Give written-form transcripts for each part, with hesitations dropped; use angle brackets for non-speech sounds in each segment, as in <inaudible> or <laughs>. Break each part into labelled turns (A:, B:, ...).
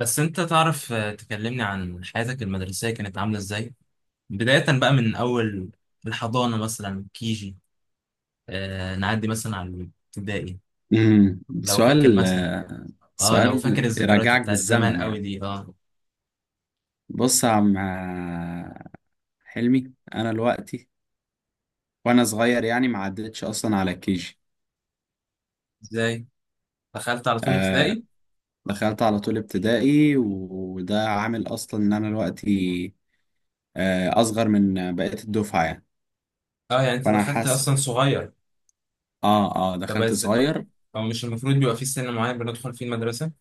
A: بس انت تعرف تكلمني عن حياتك المدرسية كانت عاملة ازاي؟ بداية بقى من اول الحضانة مثلا كيجي. نعدي مثلا على الابتدائي. لو فاكر
B: سؤال.
A: مثلا. اه، لو فاكر
B: سؤال
A: الذكريات
B: يرجعك
A: بتاعت زمان
B: بالزمن
A: قوي
B: يعني.
A: دي. اه.
B: بص يا عم، حلمي انا دلوقتي وانا صغير يعني ما عدتش اصلا على كيجي.
A: ازاي؟ دخلت على طول
B: آه،
A: ابتدائي؟
B: دخلت على طول ابتدائي وده عامل اصلا ان انا دلوقتي اصغر من بقية الدفعة يعني.
A: اه، يعني انت
B: فانا
A: دخلت
B: حاسس،
A: اصلا صغير.
B: اه
A: طب
B: دخلت صغير.
A: او مش المفروض بيبقى في سن معين بندخل فيه المدرسة؟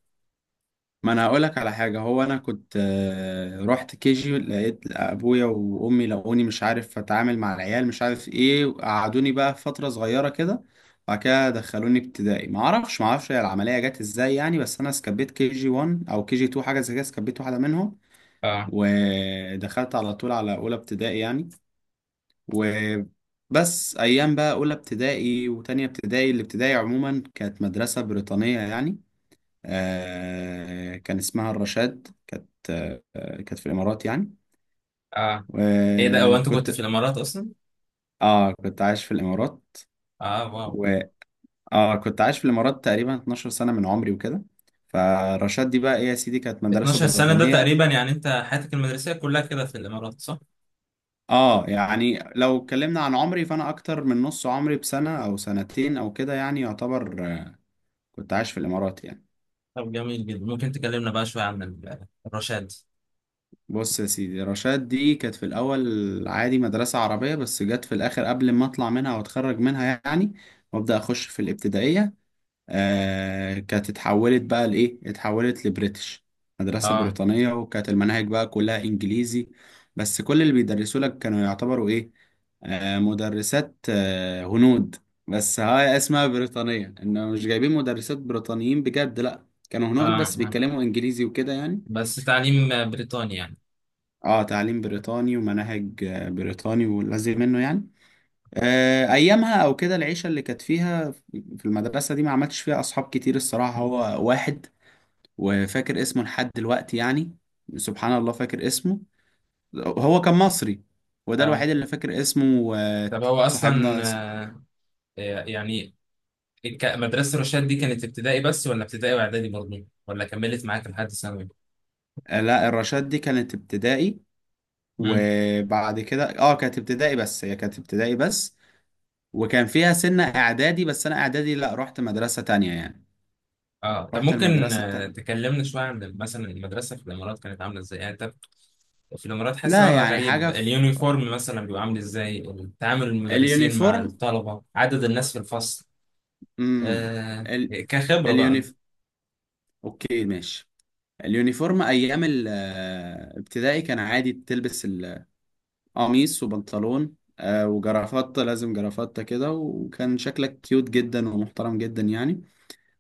B: ما انا هقولك على حاجه، هو انا كنت رحت كيجي لقيت ابويا وامي لقوني مش عارف اتعامل مع العيال مش عارف ايه، قعدوني بقى فتره صغيره كده. وبعد كده دخلوني ابتدائي، ما اعرفش هي العمليه جت ازاي يعني، بس انا سكبيت كي جي 1 او كي جي 2 حاجه زي كده، سكبيت واحده منهم.
A: اه
B: ودخلت على طول على اولى ابتدائي يعني. وبس ايام بقى اولى ابتدائي وتانية ابتدائي، الابتدائي عموما كانت مدرسه بريطانيه يعني. كان اسمها الرشاد، كانت كانت في الامارات يعني.
A: اه، ايه ده، هو انت
B: وكنت،
A: كنت في الامارات اصلا؟
B: اه كنت عايش في الامارات
A: اه، واو.
B: و اه كنت عايش في الامارات تقريبا 12 سنه من عمري وكده. فرشاد دي بقى ايه يا سيدي، كانت مدرسه
A: 12 سنة ده
B: بريطانيه.
A: تقريبا، يعني انت حياتك المدرسية كلها كده في الامارات صح؟
B: اه يعني لو اتكلمنا عن عمري فانا اكتر من نص عمري بسنه او سنتين او كده، يعني يعتبر كنت عايش في الامارات يعني.
A: طب جميل جدا، ممكن تكلمنا بقى شوية عن الرشاد.
B: بص يا سيدي، رشاد دي كانت في الأول عادي مدرسة عربية، بس جت في الآخر قبل ما أطلع منها وأتخرج منها يعني وأبدأ أخش في الابتدائية، آه كانت اتحولت بقى لإيه؟ اتحولت لبريتش، مدرسة
A: اه
B: بريطانية، وكانت المناهج بقى كلها إنجليزي. بس كل اللي بيدرسوا لك كانوا يعتبروا إيه؟ آه مدرسات، هنود. بس هاي اسمها بريطانية، إنه مش جايبين مدرسات بريطانيين بجد، لأ كانوا
A: اه،
B: هنود بس
A: آه.
B: بيتكلموا إنجليزي وكده يعني.
A: بس تعليم بريطاني يعني.
B: اه تعليم بريطاني ومناهج بريطاني واللازم منه يعني. آه، ايامها او كده، العيشه اللي كانت فيها في المدرسه دي ما عملتش فيها اصحاب كتير الصراحه، هو واحد وفاكر اسمه لحد دلوقتي يعني، سبحان الله فاكر اسمه. هو كان مصري، وده
A: اه،
B: الوحيد اللي فاكر اسمه. آه،
A: طب هو
B: صاحبنا
A: أصلا. آه يعني مدرسة الرشاد دي كانت ابتدائي بس، ولا ابتدائي وإعدادي برضه، ولا كملت معاك لحد ثانوي؟
B: آه، لا الرشاد دي كانت ابتدائي
A: امم
B: وبعد كده، اه كانت ابتدائي بس، هي كانت ابتدائي بس. وكان فيها سنة اعدادي بس انا اعدادي لا رحت مدرسة تانية يعني،
A: اه، طب
B: رحت
A: ممكن
B: المدرسة التانية.
A: تكلمنا شوية عن مثلا المدرسة في الإمارات كانت عاملة إزاي؟ يعني أنت في الإمارات، حاسس
B: لا
A: الوضع
B: يعني
A: غريب.
B: حاجة في
A: اليونيفورم مثلا بيبقى عامل إزاي، تعامل المدرسين مع
B: اليونيفورم.
A: الطلبة، عدد الناس في الفصل،
B: امم ال...
A: كخبرة بقى.
B: اليونيف اوكي ماشي. اليونيفورم ايام الابتدائي كان عادي، تلبس القميص وبنطلون وجرافطة، لازم جرافطة كده، وكان شكلك كيوت جدا ومحترم جدا يعني.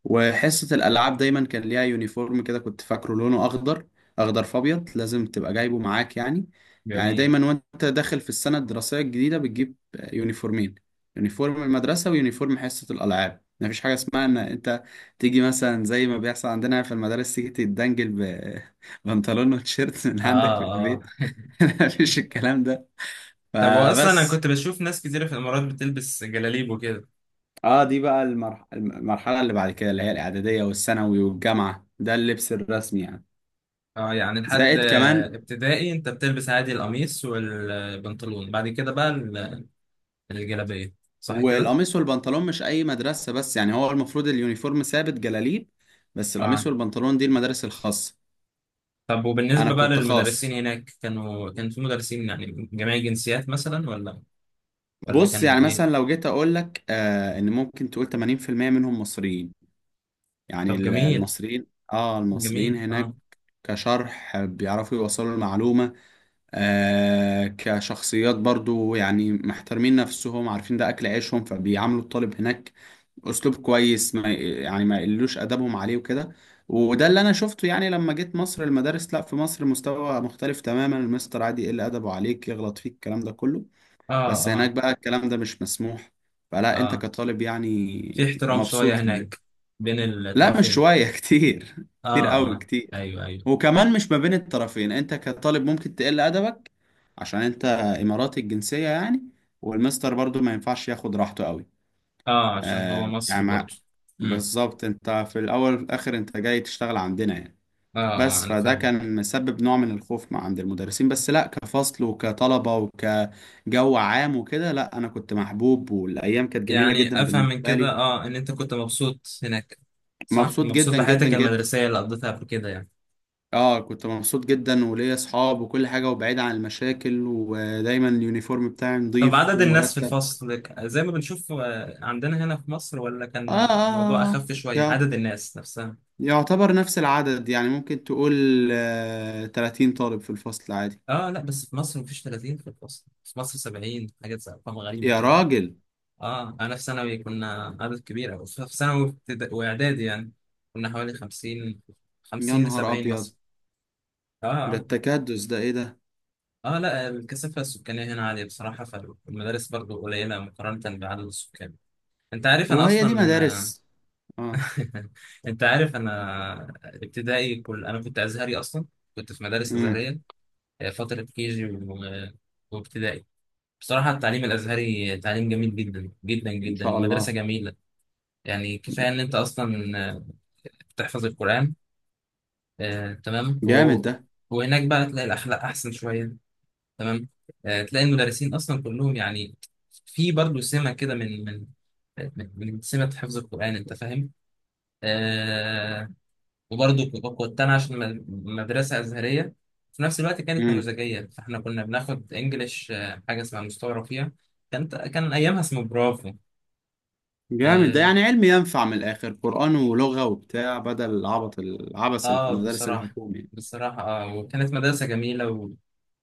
B: وحصة الألعاب دايما كان ليها يونيفورم كده، كنت فاكره لونه أخضر، أخضر فأبيض، لازم تبقى جايبه معاك يعني. يعني
A: جميل.
B: دايما وأنت داخل في السنة الدراسية الجديدة بتجيب يونيفورمين، يونيفورم المدرسة ويونيفورم حصة الألعاب. مفيش حاجة اسمها إن أنت تيجي مثلا زي ما بيحصل عندنا في المدارس، تيجي تتدنجل ببنطلون <laughs> وتيشيرت من
A: اه
B: عندك في
A: اه.
B: البيت.
A: <laughs>
B: <laughs> مفيش الكلام ده
A: طب هو اصلا، انا
B: فبس.
A: كنت بشوف ناس كتير في الامارات بتلبس جلاليب وكده.
B: اه دي بقى المرحلة اللي بعد كده، اللي هي الإعدادية والثانوي والجامعة، ده اللبس الرسمي يعني.
A: اه، يعني لحد
B: زائد كمان
A: ابتدائي انت بتلبس عادي القميص والبنطلون، بعد كده بقى الجلابية، صح كده؟
B: والقميص والبنطلون، مش اي مدرسة بس يعني، هو المفروض اليونيفورم ثابت جلاليب، بس
A: اه،
B: القميص والبنطلون دي المدارس الخاصة.
A: طب
B: انا
A: وبالنسبة بقى
B: كنت
A: للمدرسين
B: خاص.
A: هناك، كان في مدرسين يعني من جميع الجنسيات مثلا، ولا ولا
B: بص
A: كان
B: يعني مثلا
A: ايه؟
B: لو جيت اقول لك آه ان ممكن تقول 80% منهم مصريين يعني،
A: طب جميل.
B: المصريين، اه المصريين
A: جميل. اه
B: هناك كشرح بيعرفوا يوصلوا المعلومة، آه كشخصيات برضو يعني محترمين نفسهم، عارفين ده أكل عيشهم، فبيعاملوا الطالب هناك أسلوب كويس، ما يعني ما يقلوش أدبهم عليه وكده. وده اللي أنا شفته يعني، لما جيت مصر المدارس، لا في مصر مستوى مختلف تماما، المستر عادي يقل أدبه عليك، يغلط فيك، الكلام ده كله.
A: اه
B: بس
A: اه
B: هناك بقى الكلام ده مش مسموح، فلا أنت
A: اه،
B: كطالب
A: في
B: يعني
A: احترام شوية
B: مبسوط هناك.
A: هناك بين
B: لا مش
A: الطرفين.
B: شوية <laughs> كتير، كتير
A: اه
B: قوي
A: اه،
B: كتير.
A: ايوه ايوه.
B: وكمان مش ما بين الطرفين، انت كطالب ممكن تقل ادبك عشان انت اماراتي الجنسية يعني، والمستر برضو ما ينفعش ياخد راحته قوي.
A: اه، عشان هو
B: آه يعني
A: مصري برضه. امم.
B: بالظبط، انت في الاول وفي الاخر انت جاي تشتغل عندنا يعني.
A: اه اه،
B: بس
A: انا
B: فده
A: فاهم.
B: كان مسبب نوع من الخوف مع عند المدرسين، بس لا كفصل وكطلبة وكجو عام وكده لا، انا كنت محبوب والايام كانت جميلة
A: يعني
B: جدا
A: افهم من
B: بالنسبة
A: كده
B: لي.
A: ان انت كنت مبسوط هناك صح،
B: مبسوط
A: مبسوط
B: جدا جدا
A: بحياتك
B: جدا.
A: المدرسيه اللي قضيتها قبل كده يعني.
B: اه كنت مبسوط جدا وليا اصحاب وكل حاجه، وبعيد عن المشاكل، ودايما اليونيفورم بتاعي
A: طب،
B: نظيف
A: عدد الناس في
B: ومرتب.
A: الفصل زي ما بنشوف، عندنا هنا في مصر، ولا
B: اه
A: كان
B: اه،
A: الموضوع
B: آه. آه.
A: اخف شويه
B: يع-
A: عدد الناس نفسها؟
B: يعتبر نفس العدد يعني، ممكن تقول آه 30 طالب في الفصل عادي.
A: اه، لا بس في مصر مفيش 30 في الفصل، في مصر 70 حاجات، ارقام غريبه
B: يا
A: كده.
B: راجل،
A: اه، انا في ثانوي كنا عدد كبير أوي. في ثانوي واعدادي يعني، كنا حوالي 50
B: يا
A: 50 ل
B: نهار
A: 70
B: ابيض،
A: مثلا.
B: ده
A: اه
B: التكدس ده ايه ده!
A: اه، لا الكثافة السكانية هنا عالية بصراحة، فالمدارس برضو قليلة مقارنة بعدد السكان. انت عارف انا
B: وهي دي
A: اصلا.
B: مدارس! اه.
A: <laughs> انت عارف انا ابتدائي كل، انا كنت ازهري اصلا، كنت في مدارس
B: امم.
A: ازهرية. فترة كيجي وابتدائي. بصراحة التعليم الازهري تعليم جميل جدا جدا
B: ان
A: جدا،
B: شاء
A: المدرسة
B: الله.
A: جميلة. يعني كفاية ان انت اصلا بتحفظ القرآن. آه، تمام
B: جامد
A: و...
B: ده.
A: وهناك بقى تلاقي الاخلاق احسن شوية، تمام. تلاقي المدرسين اصلا كلهم يعني في برضه سمه كده، من سمه حفظ القران، انت فاهم. آه وبرضه كنت انا، عشان مدرسه ازهريه في نفس الوقت كانت
B: امم.
A: نموذجيه، فاحنا كنا بناخد انجليش، حاجه اسمها مستوى فيها، كان ايامها اسمه برافو.
B: جامد ده،
A: اه،
B: يعني علم ينفع من الاخر، قرآن ولغة وبتاع، بدل العبط العبث اللي في
A: آه
B: المدارس
A: بصراحه
B: الحكومية.
A: بصراحه وكانت مدرسه جميله،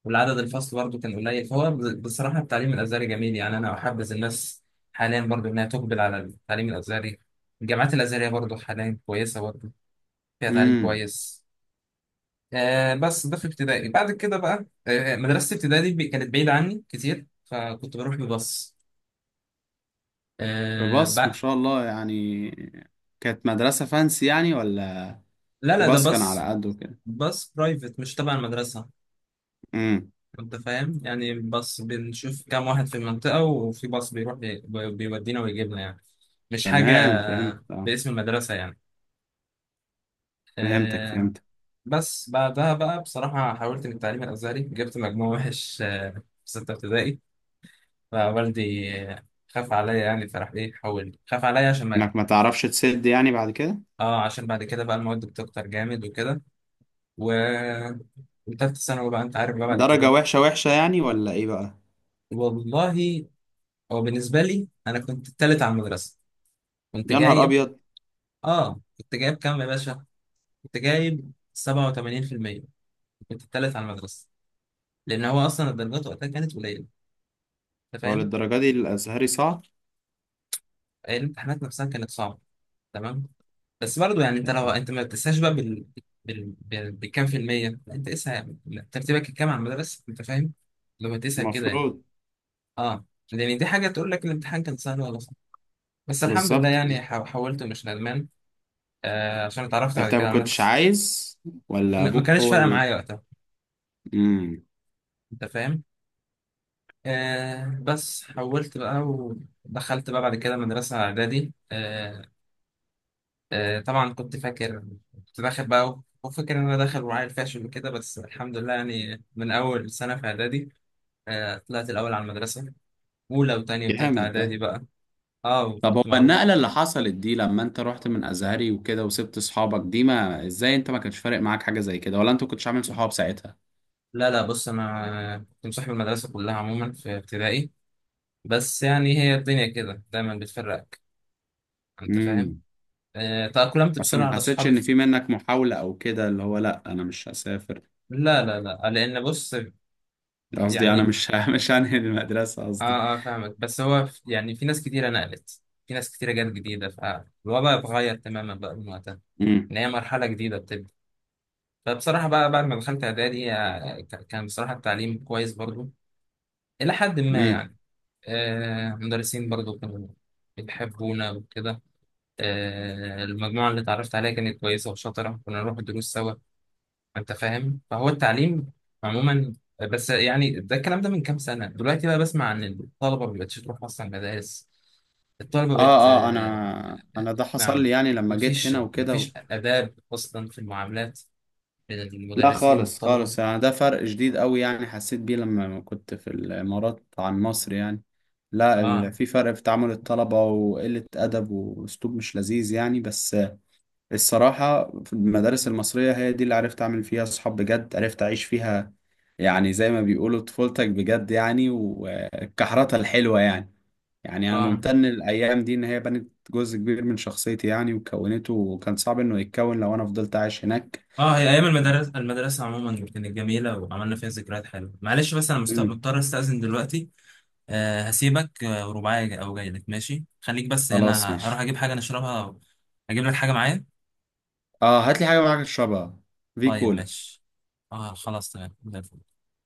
A: والعدد الفصل برضه كان قليل، فهو بصراحة التعليم الأزهري جميل، يعني أنا أحبذ الناس حاليا برضه إنها تقبل على التعليم الأزهري، الجامعات الأزهرية برضه حاليا كويسة، برضه فيها تعليم كويس. بس ده في ابتدائي. بعد كده بقى مدرسة ابتدائي دي، كانت بعيدة عني كتير، فكنت بروح بباص. آه
B: بس ما
A: بقى
B: شاء الله يعني، كانت مدرسة فانسي يعني ولا؟
A: لا لا، ده
B: باص كان على
A: باص،
B: قده كده.
A: باص برايفت مش تبع المدرسة،
B: امم،
A: انت فاهم يعني، بس بنشوف كام واحد في المنطقة وفي باص بيروح بيودينا ويجيبنا يعني، مش حاجة
B: تمام فهمت اه.
A: باسم المدرسة يعني.
B: فهمتك
A: آه،
B: فهمتك.
A: بس بعدها بقى، بصراحة حاولت من التعليم الأزهري، جبت مجموع وحش في ستة ابتدائي، فوالدي خاف عليا يعني، فراح حول، خاف عليا عشان ما.
B: انك ما تعرفش تسد يعني بعد كده.
A: اه، عشان بعد كده بقى المواد بتكتر جامد وكده. و- وتالتة ثانوي بقى أنت عارف بقى بعد
B: درجة
A: كده.
B: وحشة وحشة يعني ولا ايه بقى؟
A: والله، هو بالنسبة لي أنا كنت التالت على المدرسة، كنت
B: يا نهار
A: جايب.
B: ابيض!
A: اه، كنت جايب كام يا باشا؟ كنت جايب 87%، كنت التالت على المدرسة. لأن هو أصلا الدرجات وقتها كانت قليلة، أنت
B: هو
A: فاهم؟
B: للدرجة دي الازهري صعب؟
A: الامتحانات نفسها كانت صعبة، تمام؟ بس برضو يعني أنت،
B: يعني
A: لو أنت ما بتقيسهاش بقى بالكام في المية، لا، أنت قيسها ترتيبك الكام على المدرسة، أنت فاهم؟ لو هتقيسها كده يعني.
B: المفروض.
A: اه، لأن دي حاجة تقول لك الامتحان كان سهل ولا صعب. بس الحمد لله
B: بالظبط
A: يعني
B: بالظبط.
A: حولت مش ندمان. عشان اتعرفت بعد
B: انت ما
A: كده على
B: كنتش
A: ناس.
B: عايز ولا
A: لا، ما
B: ابوك
A: كانش
B: هو
A: فارقة
B: ال،
A: معايا وقتها،
B: امم.
A: أنت فاهم؟ بس حولت بقى، ودخلت بقى بعد كده مدرسة إعدادي. طبعا كنت فاكر، كنت داخل بقى وفاكر إن أنا داخل وعيل فاشل وكده. بس الحمد لله يعني، من أول سنة في إعدادي طلعت الأول على المدرسة، أولى وتانية وتالتة
B: جامد ده.
A: إعدادي بقى.
B: طب هو
A: كنت معروف.
B: النقلة اللي حصلت دي لما انت رحت من ازهري وكده وسبت اصحابك دي، ما ازاي انت ما كانش فارق معاك حاجة زي كده ولا انت كنتش عامل صحاب ساعتها؟
A: لا لا، بص أنا كنت مصاحب المدرسة كلها عموما في ابتدائي، بس يعني هي الدنيا كده دايما بتفرقك، أنت فاهم.
B: امم.
A: تأقلمت
B: اصلا
A: بسرعة
B: ما
A: على
B: حسيتش
A: أصحابي
B: ان
A: في-
B: في منك محاولة او كده اللي هو لا انا مش هسافر،
A: لا لا لا، لأن بص،
B: قصدي انا
A: يعني
B: مش ه- <laughs> مش هنهي المدرسة قصدي.
A: اه اه فاهمك، بس هو يعني في ناس كتيرة نقلت، في ناس كتيرة جت جديدة، فالوضع اتغير تماما بقى من وقتها،
B: امم.
A: ان هي مرحلة جديدة بتبدأ. فبصراحة بقى بعد ما دخلت اعدادي، كان بصراحة التعليم كويس برضو، الى حد ما
B: امم.
A: يعني. مدرسين برضو كانوا بيحبونا وكده. المجموعة اللي اتعرفت عليها كانت كويسة وشاطرة، كنا نروح الدروس سوا، انت فاهم، فهو التعليم عموما. بس يعني ده الكلام ده من كام سنة، دلوقتي بقى بسمع عن الطلبة ما بقتش تروح أصلا مدارس. الطلبة بقت
B: اه
A: آه،
B: انا انا ده
A: مع
B: حصل لي يعني لما جيت
A: مفيش
B: هنا وكده.
A: مفيش آداب أصلا في المعاملات بين
B: لا
A: المدرسين
B: خالص
A: والطلبة.
B: خالص، انا ده فرق جديد قوي يعني حسيت بيه لما كنت في الامارات عن مصر يعني. لا
A: آه
B: في فرق في تعامل الطلبة وقلة أدب وأسلوب مش لذيذ يعني، بس الصراحة في المدارس المصرية هي دي اللي عرفت أعمل فيها صحاب بجد، عرفت أعيش فيها يعني، زي ما بيقولوا طفولتك بجد يعني وكحرتها الحلوة يعني. يعني أنا
A: آه
B: ممتن الأيام دي إن هي بنت جزء كبير من شخصيتي يعني وكونته، وكان صعب إنه يتكون لو أنا فضلت عايش هناك.
A: هي أيام المدرسة عموما كانت جميلة، وعملنا فيها ذكريات حلوة. معلش بس أنا
B: أمم،
A: مضطر أستأذن دلوقتي. هسيبك، ورباعي أو جاي لك، ماشي خليك بس هنا،
B: خلاص
A: هروح
B: ماشي.
A: أجيب حاجة نشربها أو أجيب لك حاجة معايا.
B: اه هات لي حاجه معاك تشربها، في
A: طيب
B: كولا.
A: ماشي. خلاص تمام زي الفل.